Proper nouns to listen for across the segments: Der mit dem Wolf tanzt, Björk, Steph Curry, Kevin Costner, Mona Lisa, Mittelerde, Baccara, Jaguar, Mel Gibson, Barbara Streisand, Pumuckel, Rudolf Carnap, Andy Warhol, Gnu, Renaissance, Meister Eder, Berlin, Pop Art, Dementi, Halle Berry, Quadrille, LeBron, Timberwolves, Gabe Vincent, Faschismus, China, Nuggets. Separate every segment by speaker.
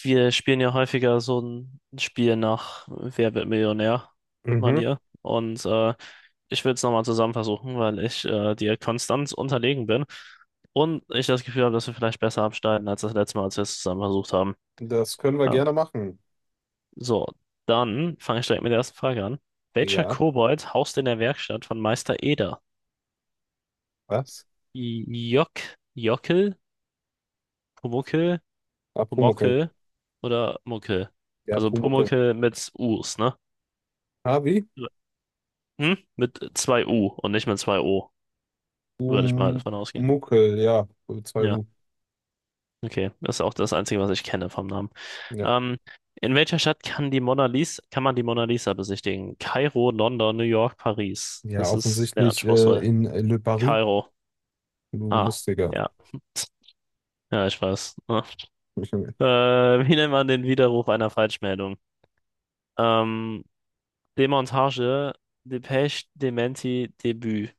Speaker 1: Wir spielen ja häufiger so ein Spiel nach Wer wird
Speaker 2: Mhm.
Speaker 1: Millionär-Manier. Ich will es nochmal zusammen versuchen, weil ich dir konstant unterlegen bin und ich das Gefühl habe, dass wir vielleicht besser abschneiden als das letzte Mal, als wir es zusammen versucht haben.
Speaker 2: Das können wir
Speaker 1: Ja.
Speaker 2: gerne machen.
Speaker 1: So, dann fange ich direkt mit der ersten Frage an. Welcher
Speaker 2: Ja,
Speaker 1: Kobold haust in der Werkstatt von Meister Eder?
Speaker 2: was?
Speaker 1: Jock, Jockel, Pumuckel,
Speaker 2: Ah, Pumuckel.
Speaker 1: Pumuckel oder Muckel?
Speaker 2: Ja,
Speaker 1: Also
Speaker 2: Pumuckel.
Speaker 1: Pumuckel mit Us, ne?
Speaker 2: Ah, wie?
Speaker 1: Hm? Mit zwei u und nicht mit zwei o würde ich mal davon ausgehen.
Speaker 2: Pumuckel, ja. 2
Speaker 1: Ja,
Speaker 2: U.
Speaker 1: okay. Das ist auch das Einzige, was ich kenne vom Namen.
Speaker 2: Ja.
Speaker 1: Ähm, in welcher Stadt kann die Mona Lisa, kann man die Mona Lisa besichtigen? Kairo, London, New York, Paris.
Speaker 2: Ja,
Speaker 1: Das ist sehr
Speaker 2: offensichtlich
Speaker 1: anspruchsvoll.
Speaker 2: in Le Paris.
Speaker 1: Kairo.
Speaker 2: Du
Speaker 1: Ah,
Speaker 2: lustiger.
Speaker 1: ja. Ja, ich weiß. Ja. Wie nennt man den Widerruf einer Falschmeldung? Ähm, Demontage, Depeche, Dementi, Debüt.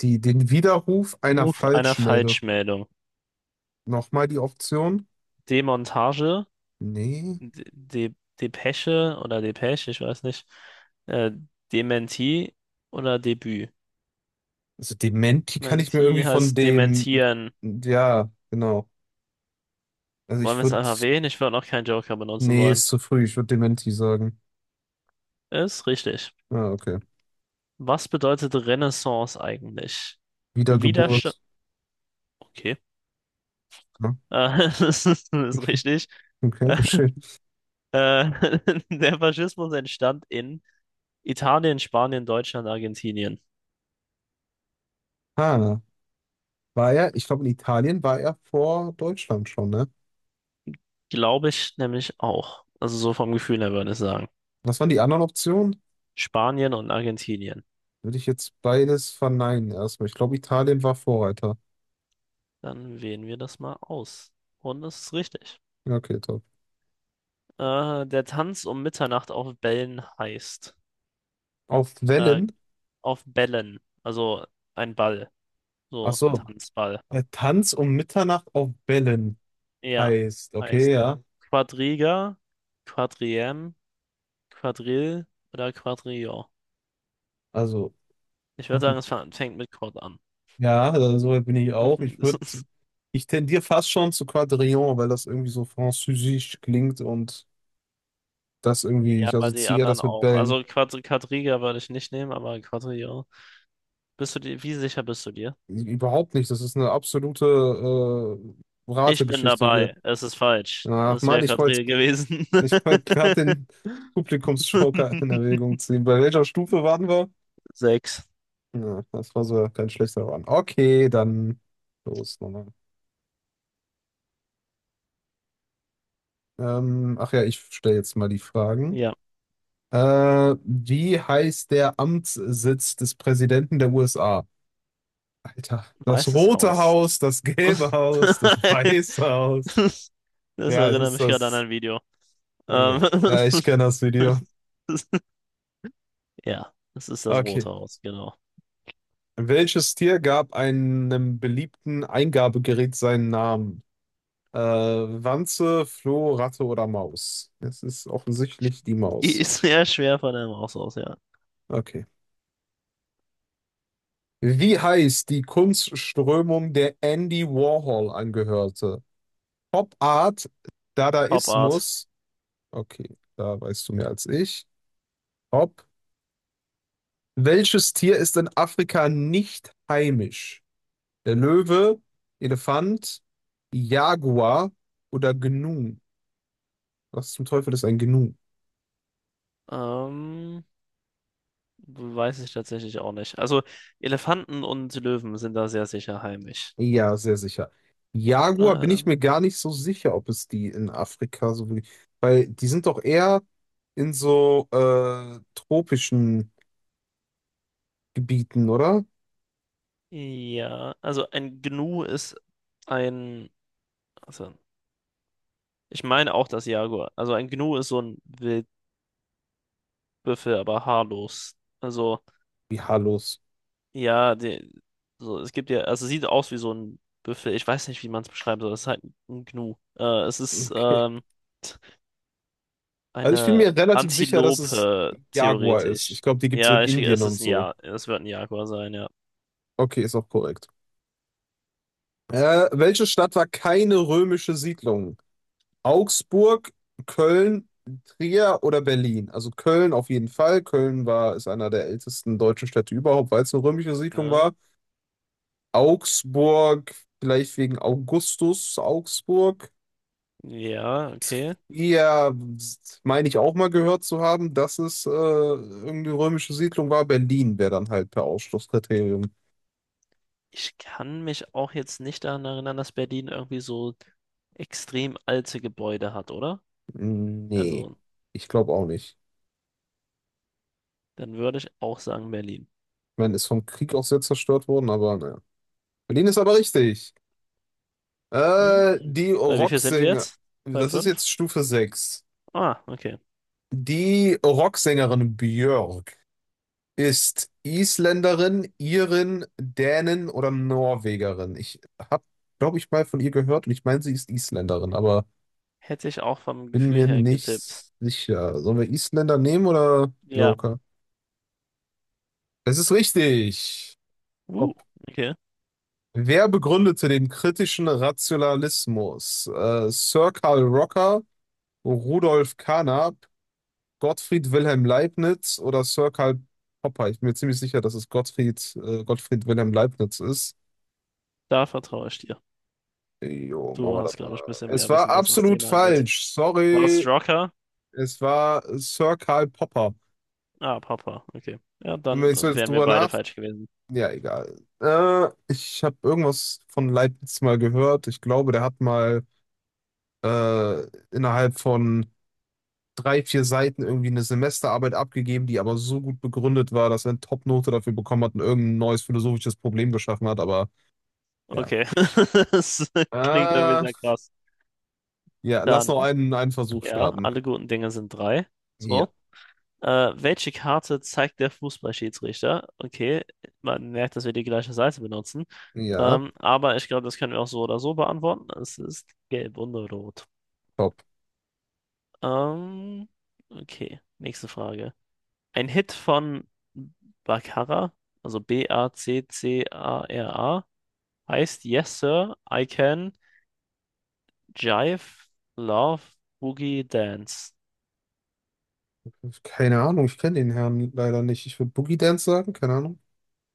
Speaker 2: Die, den Widerruf einer
Speaker 1: Ruf einer
Speaker 2: Falschmeldung.
Speaker 1: Falschmeldung.
Speaker 2: Nochmal die Option?
Speaker 1: Demontage,
Speaker 2: Nee.
Speaker 1: De De Depeche oder Depeche, ich weiß nicht. Äh, Dementi oder Debüt?
Speaker 2: Also
Speaker 1: Ich
Speaker 2: Dementi kann
Speaker 1: meine,
Speaker 2: ich mir
Speaker 1: T
Speaker 2: irgendwie von
Speaker 1: heißt
Speaker 2: dem.
Speaker 1: dementieren.
Speaker 2: Ja, genau. Also
Speaker 1: Wollen
Speaker 2: ich
Speaker 1: wir es
Speaker 2: würde.
Speaker 1: einfach wählen? Ich würde noch keinen Joker benutzen
Speaker 2: Nee,
Speaker 1: wollen.
Speaker 2: ist zu früh. Ich würde Dementi sagen.
Speaker 1: Ist richtig.
Speaker 2: Ah, okay.
Speaker 1: Was bedeutet Renaissance eigentlich? Widerstand.
Speaker 2: Wiedergeburt.
Speaker 1: Okay.
Speaker 2: Ja,
Speaker 1: Das ist richtig.
Speaker 2: okay, geschehen.
Speaker 1: Äh, der Faschismus entstand in Italien, Spanien, Deutschland, Argentinien.
Speaker 2: Ah, war er, ich glaube, in Italien war er vor Deutschland schon, ne?
Speaker 1: Glaube ich nämlich auch. Also so vom Gefühl her würde ich sagen.
Speaker 2: Was waren die anderen Optionen?
Speaker 1: Spanien und Argentinien.
Speaker 2: Würde ich jetzt beides verneinen erstmal. Ich glaube, Italien war Vorreiter.
Speaker 1: Dann wählen wir das mal aus. Und das ist richtig.
Speaker 2: Ja, okay, top.
Speaker 1: Der Tanz um Mitternacht auf Bällen heißt.
Speaker 2: Auf
Speaker 1: Äh,
Speaker 2: Wellen?
Speaker 1: auf Bällen. Also ein Ball.
Speaker 2: Ach
Speaker 1: So,
Speaker 2: so,
Speaker 1: Tanzball.
Speaker 2: der Tanz um Mitternacht auf Wellen
Speaker 1: Ja,
Speaker 2: heißt,
Speaker 1: heißt
Speaker 2: okay, ja.
Speaker 1: Quadriga, Quadriem, Quadrille oder Quadrillon.
Speaker 2: Also,
Speaker 1: Ich würde sagen, es fängt mit Quad an.
Speaker 2: ja, also so weit bin ich auch.
Speaker 1: Das ist,
Speaker 2: Ich tendiere fast schon zu Quadrillon, weil das irgendwie so französisch klingt und das irgendwie,
Speaker 1: ja,
Speaker 2: ich
Speaker 1: aber die
Speaker 2: assoziiere
Speaker 1: anderen
Speaker 2: das mit
Speaker 1: auch.
Speaker 2: Bällen.
Speaker 1: Also Quadriga würde ich nicht nehmen, aber Quadrillon. Wie sicher bist du dir?
Speaker 2: Überhaupt nicht. Das ist eine absolute
Speaker 1: Ich bin
Speaker 2: Rategeschichte hier.
Speaker 1: dabei. Es ist falsch.
Speaker 2: Ach
Speaker 1: Es
Speaker 2: Mann,
Speaker 1: wäre Quadrille gewesen.
Speaker 2: ich wollt gerade den Publikumsjoker in Erwägung ziehen. Bei welcher Stufe waren wir?
Speaker 1: Sechs.
Speaker 2: Ja, das war so kein schlechter Run. Okay, dann los nochmal. Ach ja, ich stelle jetzt mal die Fragen.
Speaker 1: Ja,
Speaker 2: Wie heißt der Amtssitz des Präsidenten der USA? Alter, das
Speaker 1: Weißes
Speaker 2: Rote
Speaker 1: Haus.
Speaker 2: Haus, das Gelbe Haus, das Weiße Haus.
Speaker 1: Das
Speaker 2: Ja, es
Speaker 1: erinnert
Speaker 2: ist
Speaker 1: mich gerade an
Speaker 2: das.
Speaker 1: ein Video. Ähm,
Speaker 2: Ja, ich kenne das Video.
Speaker 1: ja, es ist das
Speaker 2: Okay.
Speaker 1: Rote Haus, genau.
Speaker 2: Welches Tier gab einem beliebten Eingabegerät seinen Namen? Wanze, Floh, Ratte oder Maus? Es ist offensichtlich die
Speaker 1: Die
Speaker 2: Maus.
Speaker 1: ist sehr schwer von einem Haus aus, ja.
Speaker 2: Okay. Wie heißt die Kunstströmung, der Andy Warhol angehörte? Pop Art,
Speaker 1: Pop Art.
Speaker 2: Dadaismus. Okay, da weißt du mehr als ich. Pop. Welches Tier ist in Afrika nicht heimisch? Der Löwe, Elefant, Jaguar oder Gnu. Was zum Teufel ist ein Gnu?
Speaker 1: Ähm, Weiß ich tatsächlich auch nicht. Also Elefanten und Löwen sind da sehr sicher heimisch.
Speaker 2: Ja, sehr sicher. Jaguar bin
Speaker 1: Äh,
Speaker 2: ich mir gar nicht so sicher, ob es die in Afrika so wirklich. Weil die sind doch eher in so tropischen Gebieten, oder?
Speaker 1: Ja, also ein ein, also ich meine auch das Jaguar. Also ein Gnu ist so ein Wildbüffel, aber haarlos. Also
Speaker 2: Wie Halos.
Speaker 1: ja, so es gibt ja, also sieht aus wie so ein Büffel. Ich weiß nicht, wie man es beschreiben soll. Es ist halt ein Gnu. Es ist
Speaker 2: Okay. Also ich bin
Speaker 1: eine
Speaker 2: mir relativ sicher, dass es
Speaker 1: Antilope
Speaker 2: Jaguar ist. Ich
Speaker 1: theoretisch.
Speaker 2: glaube, die gibt es in
Speaker 1: Ja,
Speaker 2: Indien
Speaker 1: es
Speaker 2: und
Speaker 1: ist
Speaker 2: so.
Speaker 1: Es wird ein Jaguar sein, ja.
Speaker 2: Okay, ist auch korrekt. Welche Stadt war keine römische Siedlung? Augsburg, Köln, Trier oder Berlin. Also Köln auf jeden Fall. Köln war, ist einer der ältesten deutschen Städte überhaupt, weil es eine römische Siedlung
Speaker 1: Ja,
Speaker 2: war. Augsburg, vielleicht wegen Augustus Augsburg.
Speaker 1: ja, okay.
Speaker 2: Ja, meine ich auch mal gehört zu haben, dass es irgendeine römische Siedlung war. Berlin wäre dann halt per Ausschlusskriterium.
Speaker 1: Ich kann mich auch jetzt nicht daran erinnern, dass Berlin irgendwie so extrem alte Gebäude hat, oder?
Speaker 2: Nee,
Speaker 1: Also,
Speaker 2: ich glaube auch nicht.
Speaker 1: dann würde ich auch sagen Berlin.
Speaker 2: Ich meine, ist vom Krieg auch sehr zerstört worden, aber naja. Berlin ist aber richtig.
Speaker 1: Mhm.
Speaker 2: Äh, die
Speaker 1: Bei wie viel sind wir
Speaker 2: Rocksänger,
Speaker 1: jetzt? Bei
Speaker 2: das ist
Speaker 1: fünf?
Speaker 2: jetzt Stufe 6.
Speaker 1: Ah, okay.
Speaker 2: Die Rocksängerin Björk ist Isländerin, Irin, Dänin oder Norwegerin. Habe, glaube ich, mal von ihr gehört und ich meine, sie ist Isländerin, aber
Speaker 1: Hätte ich auch vom
Speaker 2: bin
Speaker 1: Gefühl
Speaker 2: mir
Speaker 1: her getippt.
Speaker 2: nicht sicher. Sollen wir Isländer nehmen oder
Speaker 1: Ja.
Speaker 2: Joker? Es ist richtig. Ob.
Speaker 1: Uh, okay.
Speaker 2: Wer begründete den kritischen Rationalismus? Sir Karl Rocker, Rudolf Carnap, Gottfried Wilhelm Leibniz oder Sir Karl Popper. Ich bin mir ziemlich sicher, dass es Gottfried Wilhelm Leibniz ist.
Speaker 1: Da vertraue ich dir.
Speaker 2: Jo, machen
Speaker 1: Du
Speaker 2: wir das
Speaker 1: hast, glaube ich, ein
Speaker 2: mal.
Speaker 1: bisschen
Speaker 2: Es
Speaker 1: mehr
Speaker 2: war
Speaker 1: Wissen, was das
Speaker 2: absolut
Speaker 1: Thema angeht.
Speaker 2: falsch.
Speaker 1: War es
Speaker 2: Sorry.
Speaker 1: Rocker?
Speaker 2: Es war Sir Karl Popper.
Speaker 1: Ah, Papa. Okay. Ja,
Speaker 2: Und wenn
Speaker 1: dann
Speaker 2: ich so jetzt
Speaker 1: wären wir
Speaker 2: drüber
Speaker 1: beide
Speaker 2: nach.
Speaker 1: falsch gewesen.
Speaker 2: Ja, egal. Ich habe irgendwas von Leibniz mal gehört. Ich glaube, der hat mal äh, innerhalb von drei, vier Seiten irgendwie eine Semesterarbeit abgegeben, die aber so gut begründet war, dass er eine Top-Note dafür bekommen hat und irgendein neues philosophisches Problem geschaffen hat. Aber ja.
Speaker 1: Okay. Das klingt irgendwie
Speaker 2: Äh,
Speaker 1: sehr krass.
Speaker 2: ja, lass
Speaker 1: Dann
Speaker 2: einen Versuch
Speaker 1: ja,
Speaker 2: starten.
Speaker 1: alle guten Dinge sind drei.
Speaker 2: Ja,
Speaker 1: So. Welche Karte zeigt der Fußballschiedsrichter? Okay, man merkt, dass wir die gleiche Seite benutzen.
Speaker 2: ja,
Speaker 1: Aber ich glaube, das können wir auch so oder so beantworten. Es ist gelb und rot.
Speaker 2: top.
Speaker 1: Ähm, okay, nächste Frage. Ein Hit von Baccara, also B-A-C-C-A-R-A, heißt Yes, Sir, I Can Jive, Love, Boogie, Dance.
Speaker 2: Keine Ahnung, ich kenne den Herrn leider nicht. Ich würde Boogie Dance sagen, keine Ahnung.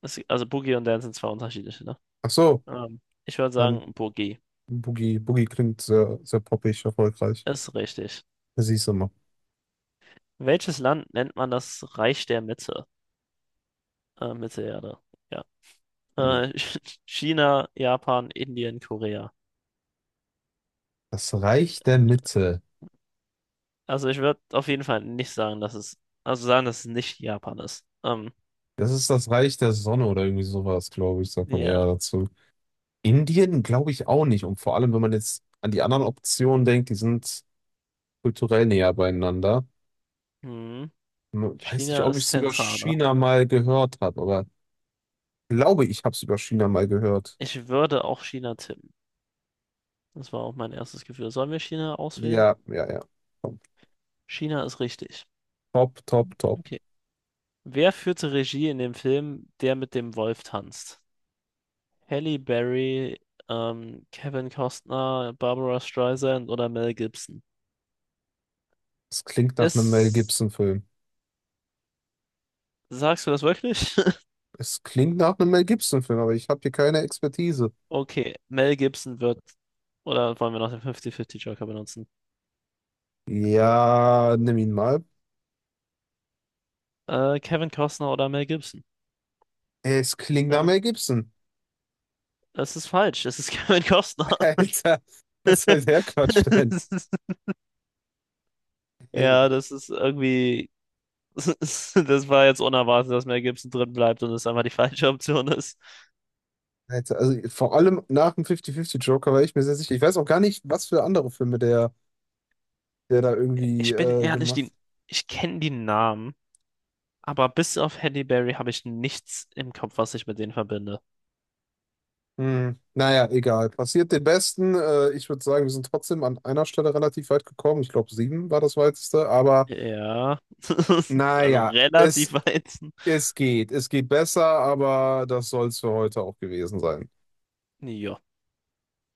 Speaker 1: Das, also Boogie und Dance sind zwei unterschiedliche, ne?
Speaker 2: Ach so,
Speaker 1: Ich würde
Speaker 2: dann
Speaker 1: sagen, Burgi
Speaker 2: Boogie. Boogie klingt sehr, sehr poppig, erfolgreich.
Speaker 1: ist richtig.
Speaker 2: Das siehst du mal.
Speaker 1: Welches Land nennt man das Reich der Mitte? Mittelerde. Ja.
Speaker 2: Hm.
Speaker 1: Äh, China, Japan, Indien, Korea.
Speaker 2: Das Reich der Mitte.
Speaker 1: Also ich würde auf jeden Fall nicht sagen, also sagen, dass es nicht Japan ist.
Speaker 2: Das ist das Reich der Sonne oder irgendwie sowas, glaube ich, sagt man
Speaker 1: Ja.
Speaker 2: eher dazu. Indien glaube ich auch nicht. Und vor allem, wenn man jetzt an die anderen Optionen denkt, die sind kulturell näher beieinander.
Speaker 1: Hm.
Speaker 2: Hm, weiß nicht,
Speaker 1: China
Speaker 2: ob ich
Speaker 1: ist
Speaker 2: es über
Speaker 1: zentraler.
Speaker 2: China mal gehört habe, aber glaube ich, habe es über China mal gehört.
Speaker 1: Ich würde auch China tippen. Das war auch mein erstes Gefühl. Sollen wir China auswählen?
Speaker 2: Ja, ja, ja.
Speaker 1: China ist richtig.
Speaker 2: Top, top, top.
Speaker 1: Okay. Wer führte Regie in dem Film Der mit dem Wolf tanzt? Halle Berry, Kevin Costner, Barbara Streisand oder Mel Gibson.
Speaker 2: Es klingt nach einem Mel
Speaker 1: Ist,
Speaker 2: Gibson-Film.
Speaker 1: sagst du das wirklich?
Speaker 2: Es klingt nach einem Mel Gibson-Film, aber ich habe hier keine Expertise.
Speaker 1: Okay, oder wollen wir noch den 50-50 Joker benutzen?
Speaker 2: Ja, nimm ihn mal.
Speaker 1: Kevin Costner oder Mel Gibson?
Speaker 2: Es klingt nach
Speaker 1: Dann,
Speaker 2: Mel Gibson.
Speaker 1: es ist falsch, es ist Kevin Costner.
Speaker 2: Alter, was soll der Quatsch denn? Hey,
Speaker 1: Ja, das ist irgendwie, das war jetzt unerwartet, dass Mel Gibson drin bleibt und es einfach die falsche Option ist.
Speaker 2: also vor allem nach dem 50-50 Joker war ich mir sehr sicher. Ich weiß auch gar nicht, was für andere Filme der da irgendwie
Speaker 1: Ich bin ehrlich,
Speaker 2: gemacht hat.
Speaker 1: ich kenne die Namen. Aber bis auf Halle Berry habe ich nichts im Kopf, was ich mit denen verbinde.
Speaker 2: Hm. Naja, egal. Passiert den Besten. Ich würde sagen, wir sind trotzdem an einer Stelle relativ weit gekommen. Ich glaube, 7 war das weiteste. Aber
Speaker 1: Ja, also
Speaker 2: naja,
Speaker 1: relativ weit.
Speaker 2: es geht. Es geht besser, aber das soll es für heute auch gewesen sein.
Speaker 1: Ja.